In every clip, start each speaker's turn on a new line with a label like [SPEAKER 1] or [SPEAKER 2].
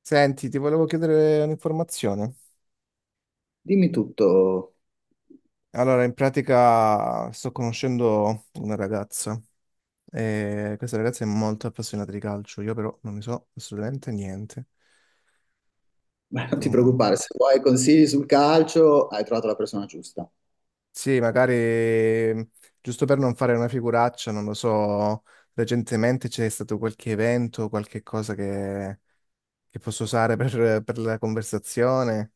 [SPEAKER 1] Senti, ti volevo chiedere un'informazione.
[SPEAKER 2] Dimmi tutto.
[SPEAKER 1] Allora, in pratica sto conoscendo una ragazza e questa ragazza è molto appassionata di calcio, io però non ne so assolutamente niente.
[SPEAKER 2] Beh, non
[SPEAKER 1] Tu-
[SPEAKER 2] ti
[SPEAKER 1] mm,
[SPEAKER 2] preoccupare, se vuoi consigli sul calcio hai trovato la persona giusta.
[SPEAKER 1] Sì, magari giusto per non fare una figuraccia, non lo so, recentemente c'è stato qualche evento, qualche cosa che posso usare per la conversazione.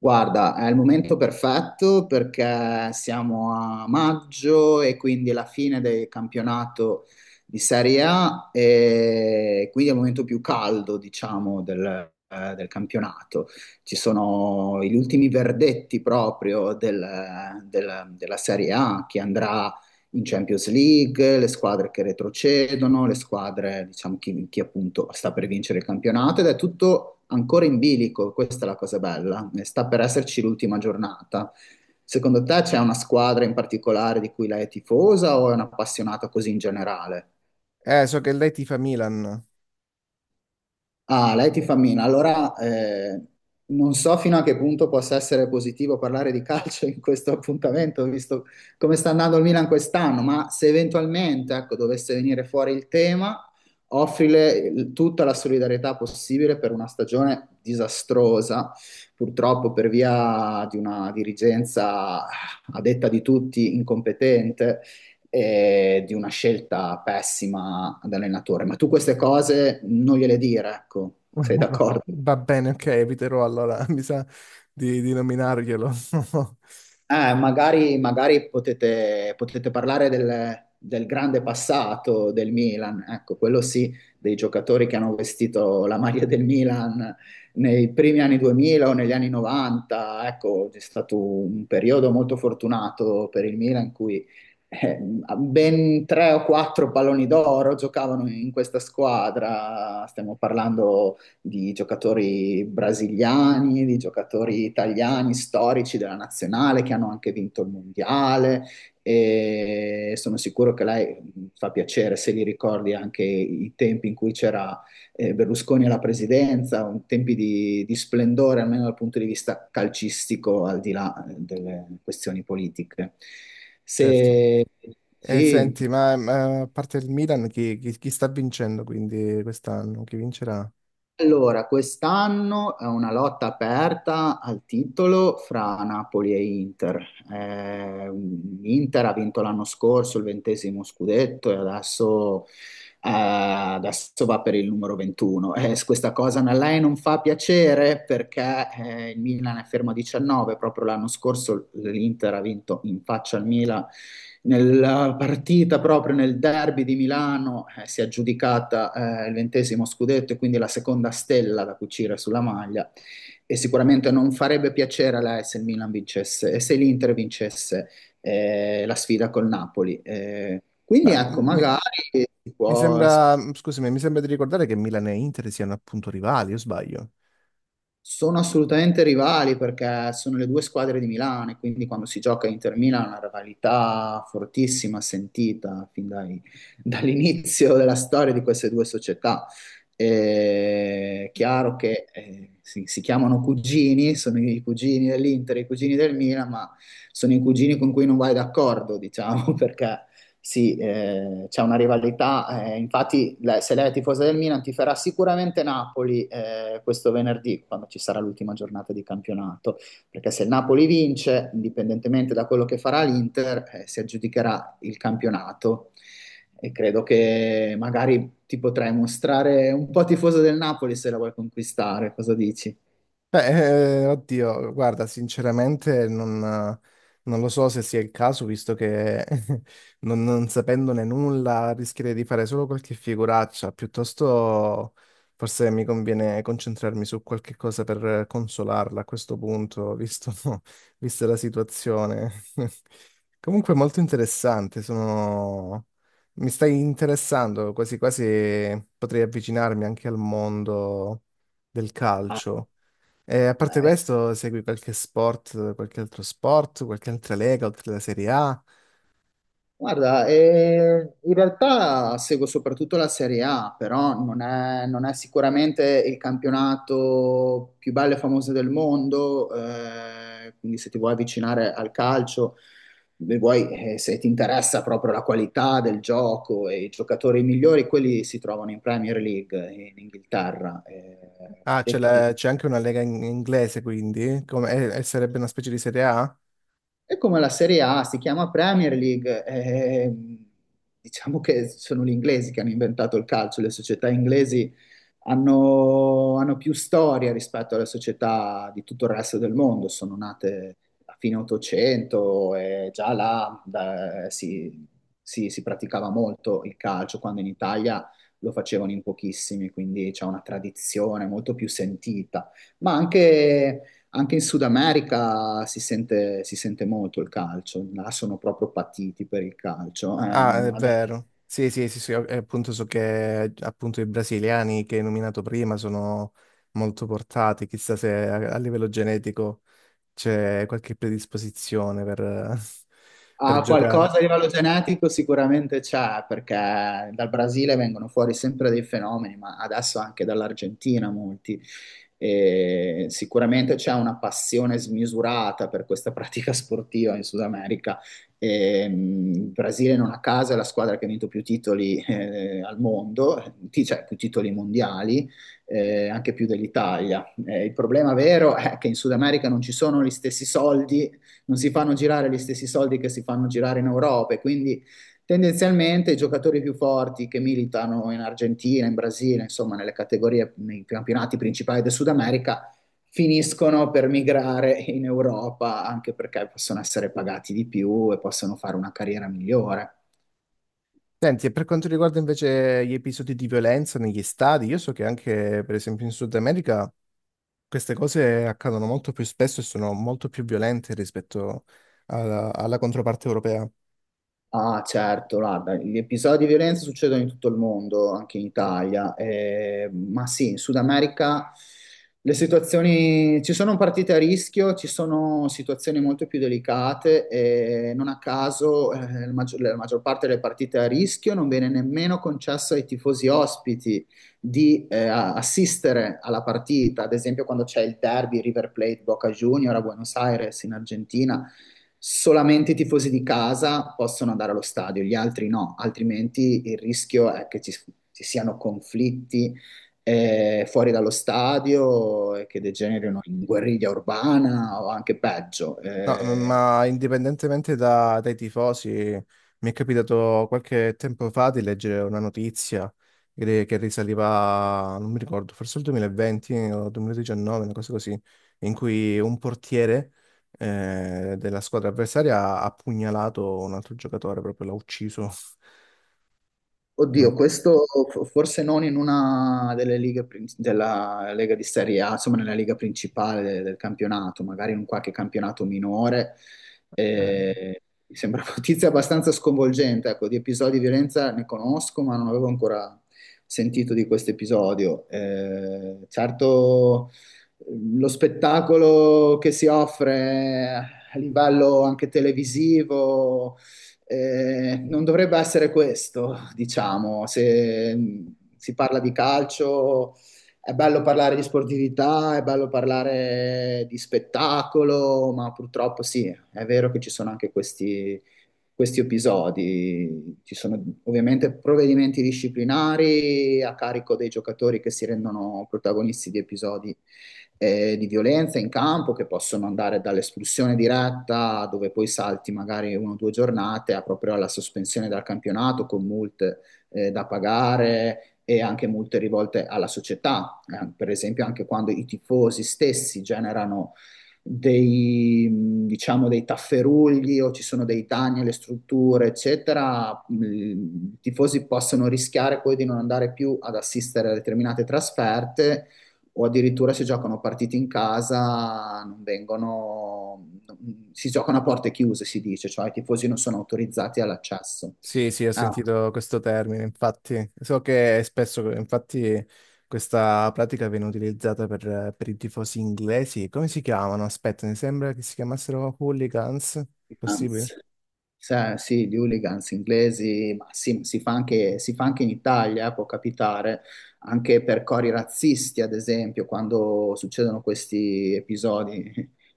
[SPEAKER 2] Guarda, è il momento perfetto perché siamo a maggio e quindi è la fine del campionato di Serie A e quindi è il momento più caldo, diciamo, del campionato. Ci sono gli ultimi verdetti proprio della Serie A che andrà in Champions League, le squadre che retrocedono, le squadre, diciamo, chi appunto sta per vincere il campionato ed è tutto ancora in bilico, questa è la cosa bella, sta per esserci l'ultima giornata. Secondo te c'è una squadra in particolare di cui lei è tifosa o è un'appassionata così in generale?
[SPEAKER 1] So che lei tifa Milan.
[SPEAKER 2] Ah, lei ti fa mina. Allora, non so fino a che punto possa essere positivo parlare di calcio in questo appuntamento, visto come sta andando il Milan quest'anno, ma se eventualmente, ecco, dovesse venire fuori il tema, offrile tutta la solidarietà possibile per una stagione disastrosa, purtroppo per via di una dirigenza a detta di tutti incompetente, di una scelta pessima ad allenatore. Ma tu queste cose non gliele dire, ecco,
[SPEAKER 1] Va
[SPEAKER 2] sei d'accordo?
[SPEAKER 1] va bene, ok, eviterò allora, mi sa di nominarglielo.
[SPEAKER 2] Magari magari potete parlare del grande passato del Milan, ecco, quello sì, dei giocatori che hanno vestito la maglia del Milan nei primi anni 2000 o negli anni 90, ecco, è stato un periodo molto fortunato per il Milan in cui eh, ben tre o quattro palloni d'oro giocavano in questa squadra, stiamo parlando di giocatori brasiliani, di giocatori italiani storici della nazionale che hanno anche vinto il mondiale e sono sicuro che lei fa piacere se li ricordi anche i tempi in cui c'era, Berlusconi alla presidenza, tempi di splendore almeno dal punto di vista calcistico, al di là, delle questioni politiche.
[SPEAKER 1] Certo.
[SPEAKER 2] Se,
[SPEAKER 1] E
[SPEAKER 2] sì.
[SPEAKER 1] senti, ma a parte il Milan, chi sta vincendo quindi quest'anno? Chi vincerà?
[SPEAKER 2] Allora, quest'anno è una lotta aperta al titolo fra Napoli e Inter. Eh, Inter ha vinto l'anno scorso il ventesimo scudetto e adesso va per il numero 21. Questa cosa a lei non fa piacere perché, il Milan è fermo a 19. Proprio l'anno scorso l'Inter ha vinto in faccia al Milan nella partita proprio nel derby di Milano. Si è aggiudicata, il ventesimo scudetto e quindi la seconda stella da cucire sulla maglia. E sicuramente non farebbe piacere a lei se il Milan vincesse e se l'Inter vincesse, la sfida col Napoli.
[SPEAKER 1] Ma
[SPEAKER 2] Quindi ecco,
[SPEAKER 1] mi,
[SPEAKER 2] magari si
[SPEAKER 1] mi
[SPEAKER 2] può-
[SPEAKER 1] sembra, scusami, mi sembra di ricordare che Milan e Inter siano appunto rivali, o sbaglio?
[SPEAKER 2] sono assolutamente rivali perché sono le due squadre di Milano e quindi quando si gioca Inter-Milan è una rivalità fortissima, sentita fin dall'inizio della storia di queste due società. È chiaro che, si chiamano cugini, sono i cugini dell'Inter, e i cugini del Milan, ma sono i cugini con cui non vai d'accordo, diciamo, perché sì, c'è una rivalità, infatti se lei è tifosa del Milan tiferà sicuramente Napoli, questo venerdì, quando ci sarà l'ultima giornata di campionato, perché se il Napoli vince, indipendentemente da quello che farà l'Inter, si aggiudicherà il campionato e credo che magari ti potrai mostrare un po' tifoso del Napoli se la vuoi conquistare, cosa dici?
[SPEAKER 1] Beh, oddio, guarda, sinceramente non lo so se sia il caso, visto che non sapendone nulla rischierei di fare solo qualche figuraccia, piuttosto forse mi conviene concentrarmi su qualche cosa per consolarla a questo punto, visto, vista la situazione. Comunque molto interessante, mi stai interessando, quasi quasi potrei avvicinarmi anche al mondo del
[SPEAKER 2] Ah,
[SPEAKER 1] calcio. E a parte
[SPEAKER 2] beh,
[SPEAKER 1] questo, segui qualche sport, qualche altro sport, qualche altra lega oltre alla Serie A?
[SPEAKER 2] guarda, in realtà seguo soprattutto la Serie A, però non è sicuramente il campionato più bello e famoso del mondo, quindi se ti vuoi avvicinare al calcio, e vuoi, se ti interessa proprio la qualità del gioco e i giocatori migliori, quelli si trovano in Premier League in Inghilterra. A
[SPEAKER 1] Ah,
[SPEAKER 2] detta di.
[SPEAKER 1] c'è anche una lega inglese, quindi, come, e sarebbe una specie di Serie A?
[SPEAKER 2] È come la Serie A, si chiama Premier League. Diciamo che sono gli inglesi che hanno inventato il calcio, le società inglesi hanno più storia rispetto alle società di tutto il resto del mondo, sono nate a fine 800 e già là si praticava molto il calcio, quando in Italia lo facevano in pochissimi, quindi c'è una tradizione molto più sentita, ma anche... Anche in Sud America si sente molto il calcio, là sono proprio patiti per il calcio.
[SPEAKER 1] Ah, è
[SPEAKER 2] Magari
[SPEAKER 1] vero. Sì, sì, sì, sì, e appunto so che appunto i brasiliani che hai nominato prima sono molto portati, chissà se a livello genetico c'è qualche predisposizione per per
[SPEAKER 2] Ah,
[SPEAKER 1] giocare.
[SPEAKER 2] qualcosa a livello genetico sicuramente c'è, perché dal Brasile vengono fuori sempre dei fenomeni, ma adesso anche dall'Argentina molti. E sicuramente c'è una passione smisurata per questa pratica sportiva in Sud America. E, il Brasile non a caso è la squadra che ha vinto più titoli, al mondo, cioè più titoli mondiali, anche più dell'Italia. Il problema vero è che in Sud America non ci sono gli stessi soldi, non si fanno girare gli stessi soldi che si fanno girare in Europa e quindi tendenzialmente i giocatori più forti che militano in Argentina, in Brasile, insomma nelle categorie, nei campionati principali del Sud America, finiscono per migrare in Europa anche perché possono essere pagati di più e possono fare una carriera migliore.
[SPEAKER 1] Senti, e per quanto riguarda invece gli episodi di violenza negli stadi, io so che anche, per esempio, in Sud America queste cose accadono molto più spesso e sono molto più violente rispetto alla controparte europea.
[SPEAKER 2] Ah, certo, guarda, gli episodi di violenza succedono in tutto il mondo, anche in Italia, ma sì, in Sud America le situazioni ci sono partite a rischio, ci sono situazioni molto più delicate e non a caso, la maggior parte delle partite a rischio non viene nemmeno concesso ai tifosi ospiti di, assistere alla partita, ad esempio quando c'è il derby River Plate Boca Junior a Buenos Aires in Argentina, solamente i tifosi di casa possono andare allo stadio, gli altri no, altrimenti il rischio è che, ci siano conflitti, fuori dallo stadio e che degenerino in guerriglia urbana o anche peggio.
[SPEAKER 1] No, ma indipendentemente dai tifosi, mi è capitato qualche tempo fa di leggere una notizia che risaliva, non mi ricordo, forse il 2020 o 2019, una cosa così, in cui un portiere della squadra avversaria ha pugnalato un altro giocatore, proprio l'ha ucciso.
[SPEAKER 2] Oddio,
[SPEAKER 1] Non-
[SPEAKER 2] questo forse non in una della Lega di Serie A, insomma nella Liga principale del campionato, magari in un qualche campionato minore.
[SPEAKER 1] eh.
[SPEAKER 2] Mi sembra una notizia abbastanza sconvolgente, ecco, di episodi di violenza ne conosco, ma non avevo ancora sentito di questo episodio. Certo, lo spettacolo che si offre a livello anche televisivo, non dovrebbe essere questo, diciamo, se si parla di calcio è bello parlare di sportività, è bello parlare di spettacolo, ma purtroppo sì, è vero che ci sono anche questi, questi episodi, ci sono ovviamente provvedimenti disciplinari a carico dei giocatori che si rendono protagonisti di episodi, di violenza in campo che possono andare dall'espulsione diretta, dove poi salti magari una o due giornate, a proprio alla sospensione dal campionato con multe, da pagare e anche multe rivolte alla società. Per esempio anche quando i tifosi stessi generano dei, diciamo, dei tafferugli o ci sono dei danni alle strutture, eccetera, i tifosi possono rischiare poi di non andare più ad assistere a determinate trasferte o addirittura se giocano partite in casa non vengono, si giocano a porte chiuse, si dice, cioè i tifosi non sono autorizzati all'accesso.
[SPEAKER 1] Sì, sì, ho
[SPEAKER 2] Ah,
[SPEAKER 1] sentito questo termine, infatti. So che spesso, infatti, questa pratica viene utilizzata per i tifosi inglesi. Come si chiamano? Aspetta, mi sembra che si chiamassero hooligans. Possibile?
[SPEAKER 2] anzi. Sì, di hooligans inglesi, ma sì, si fa anche in Italia, può capitare, anche per cori razzisti, ad esempio, quando succedono questi episodi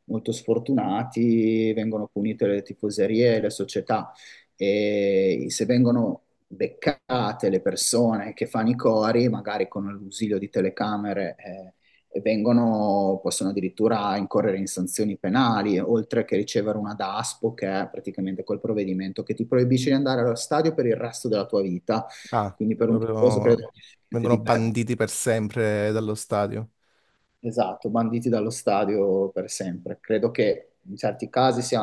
[SPEAKER 2] molto sfortunati, vengono punite le tifoserie e le società. E se vengono beccate le persone che fanno i cori, magari con l'ausilio di telecamere, e vengono, possono addirittura incorrere in sanzioni penali, oltre che ricevere una DASPO, che è praticamente quel provvedimento che ti proibisce di andare allo stadio per il resto della tua vita.
[SPEAKER 1] Ah,
[SPEAKER 2] Quindi per un tifoso
[SPEAKER 1] proprio
[SPEAKER 2] credo che sia niente
[SPEAKER 1] vengono
[SPEAKER 2] di peggio.
[SPEAKER 1] banditi per sempre dallo stadio.
[SPEAKER 2] Esatto, banditi dallo stadio per sempre. Credo che in certi casi sia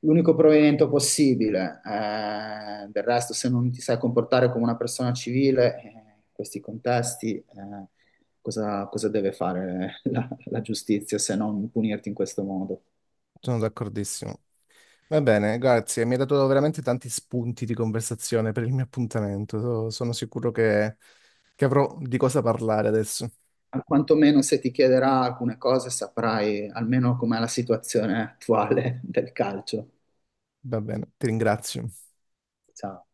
[SPEAKER 2] l'unico provvedimento possibile. Del resto, se non ti sai comportare come una persona civile, in questi contesti, cosa, cosa deve fare la, la giustizia se non punirti in questo modo?
[SPEAKER 1] Sono d'accordissimo. Va bene, grazie. Mi hai dato veramente tanti spunti di conversazione per il mio appuntamento. Sono sicuro che avrò di cosa parlare adesso.
[SPEAKER 2] Quantomeno se ti chiederà alcune cose, saprai almeno com'è la situazione attuale del calcio.
[SPEAKER 1] Va bene, ti ringrazio.
[SPEAKER 2] Ciao.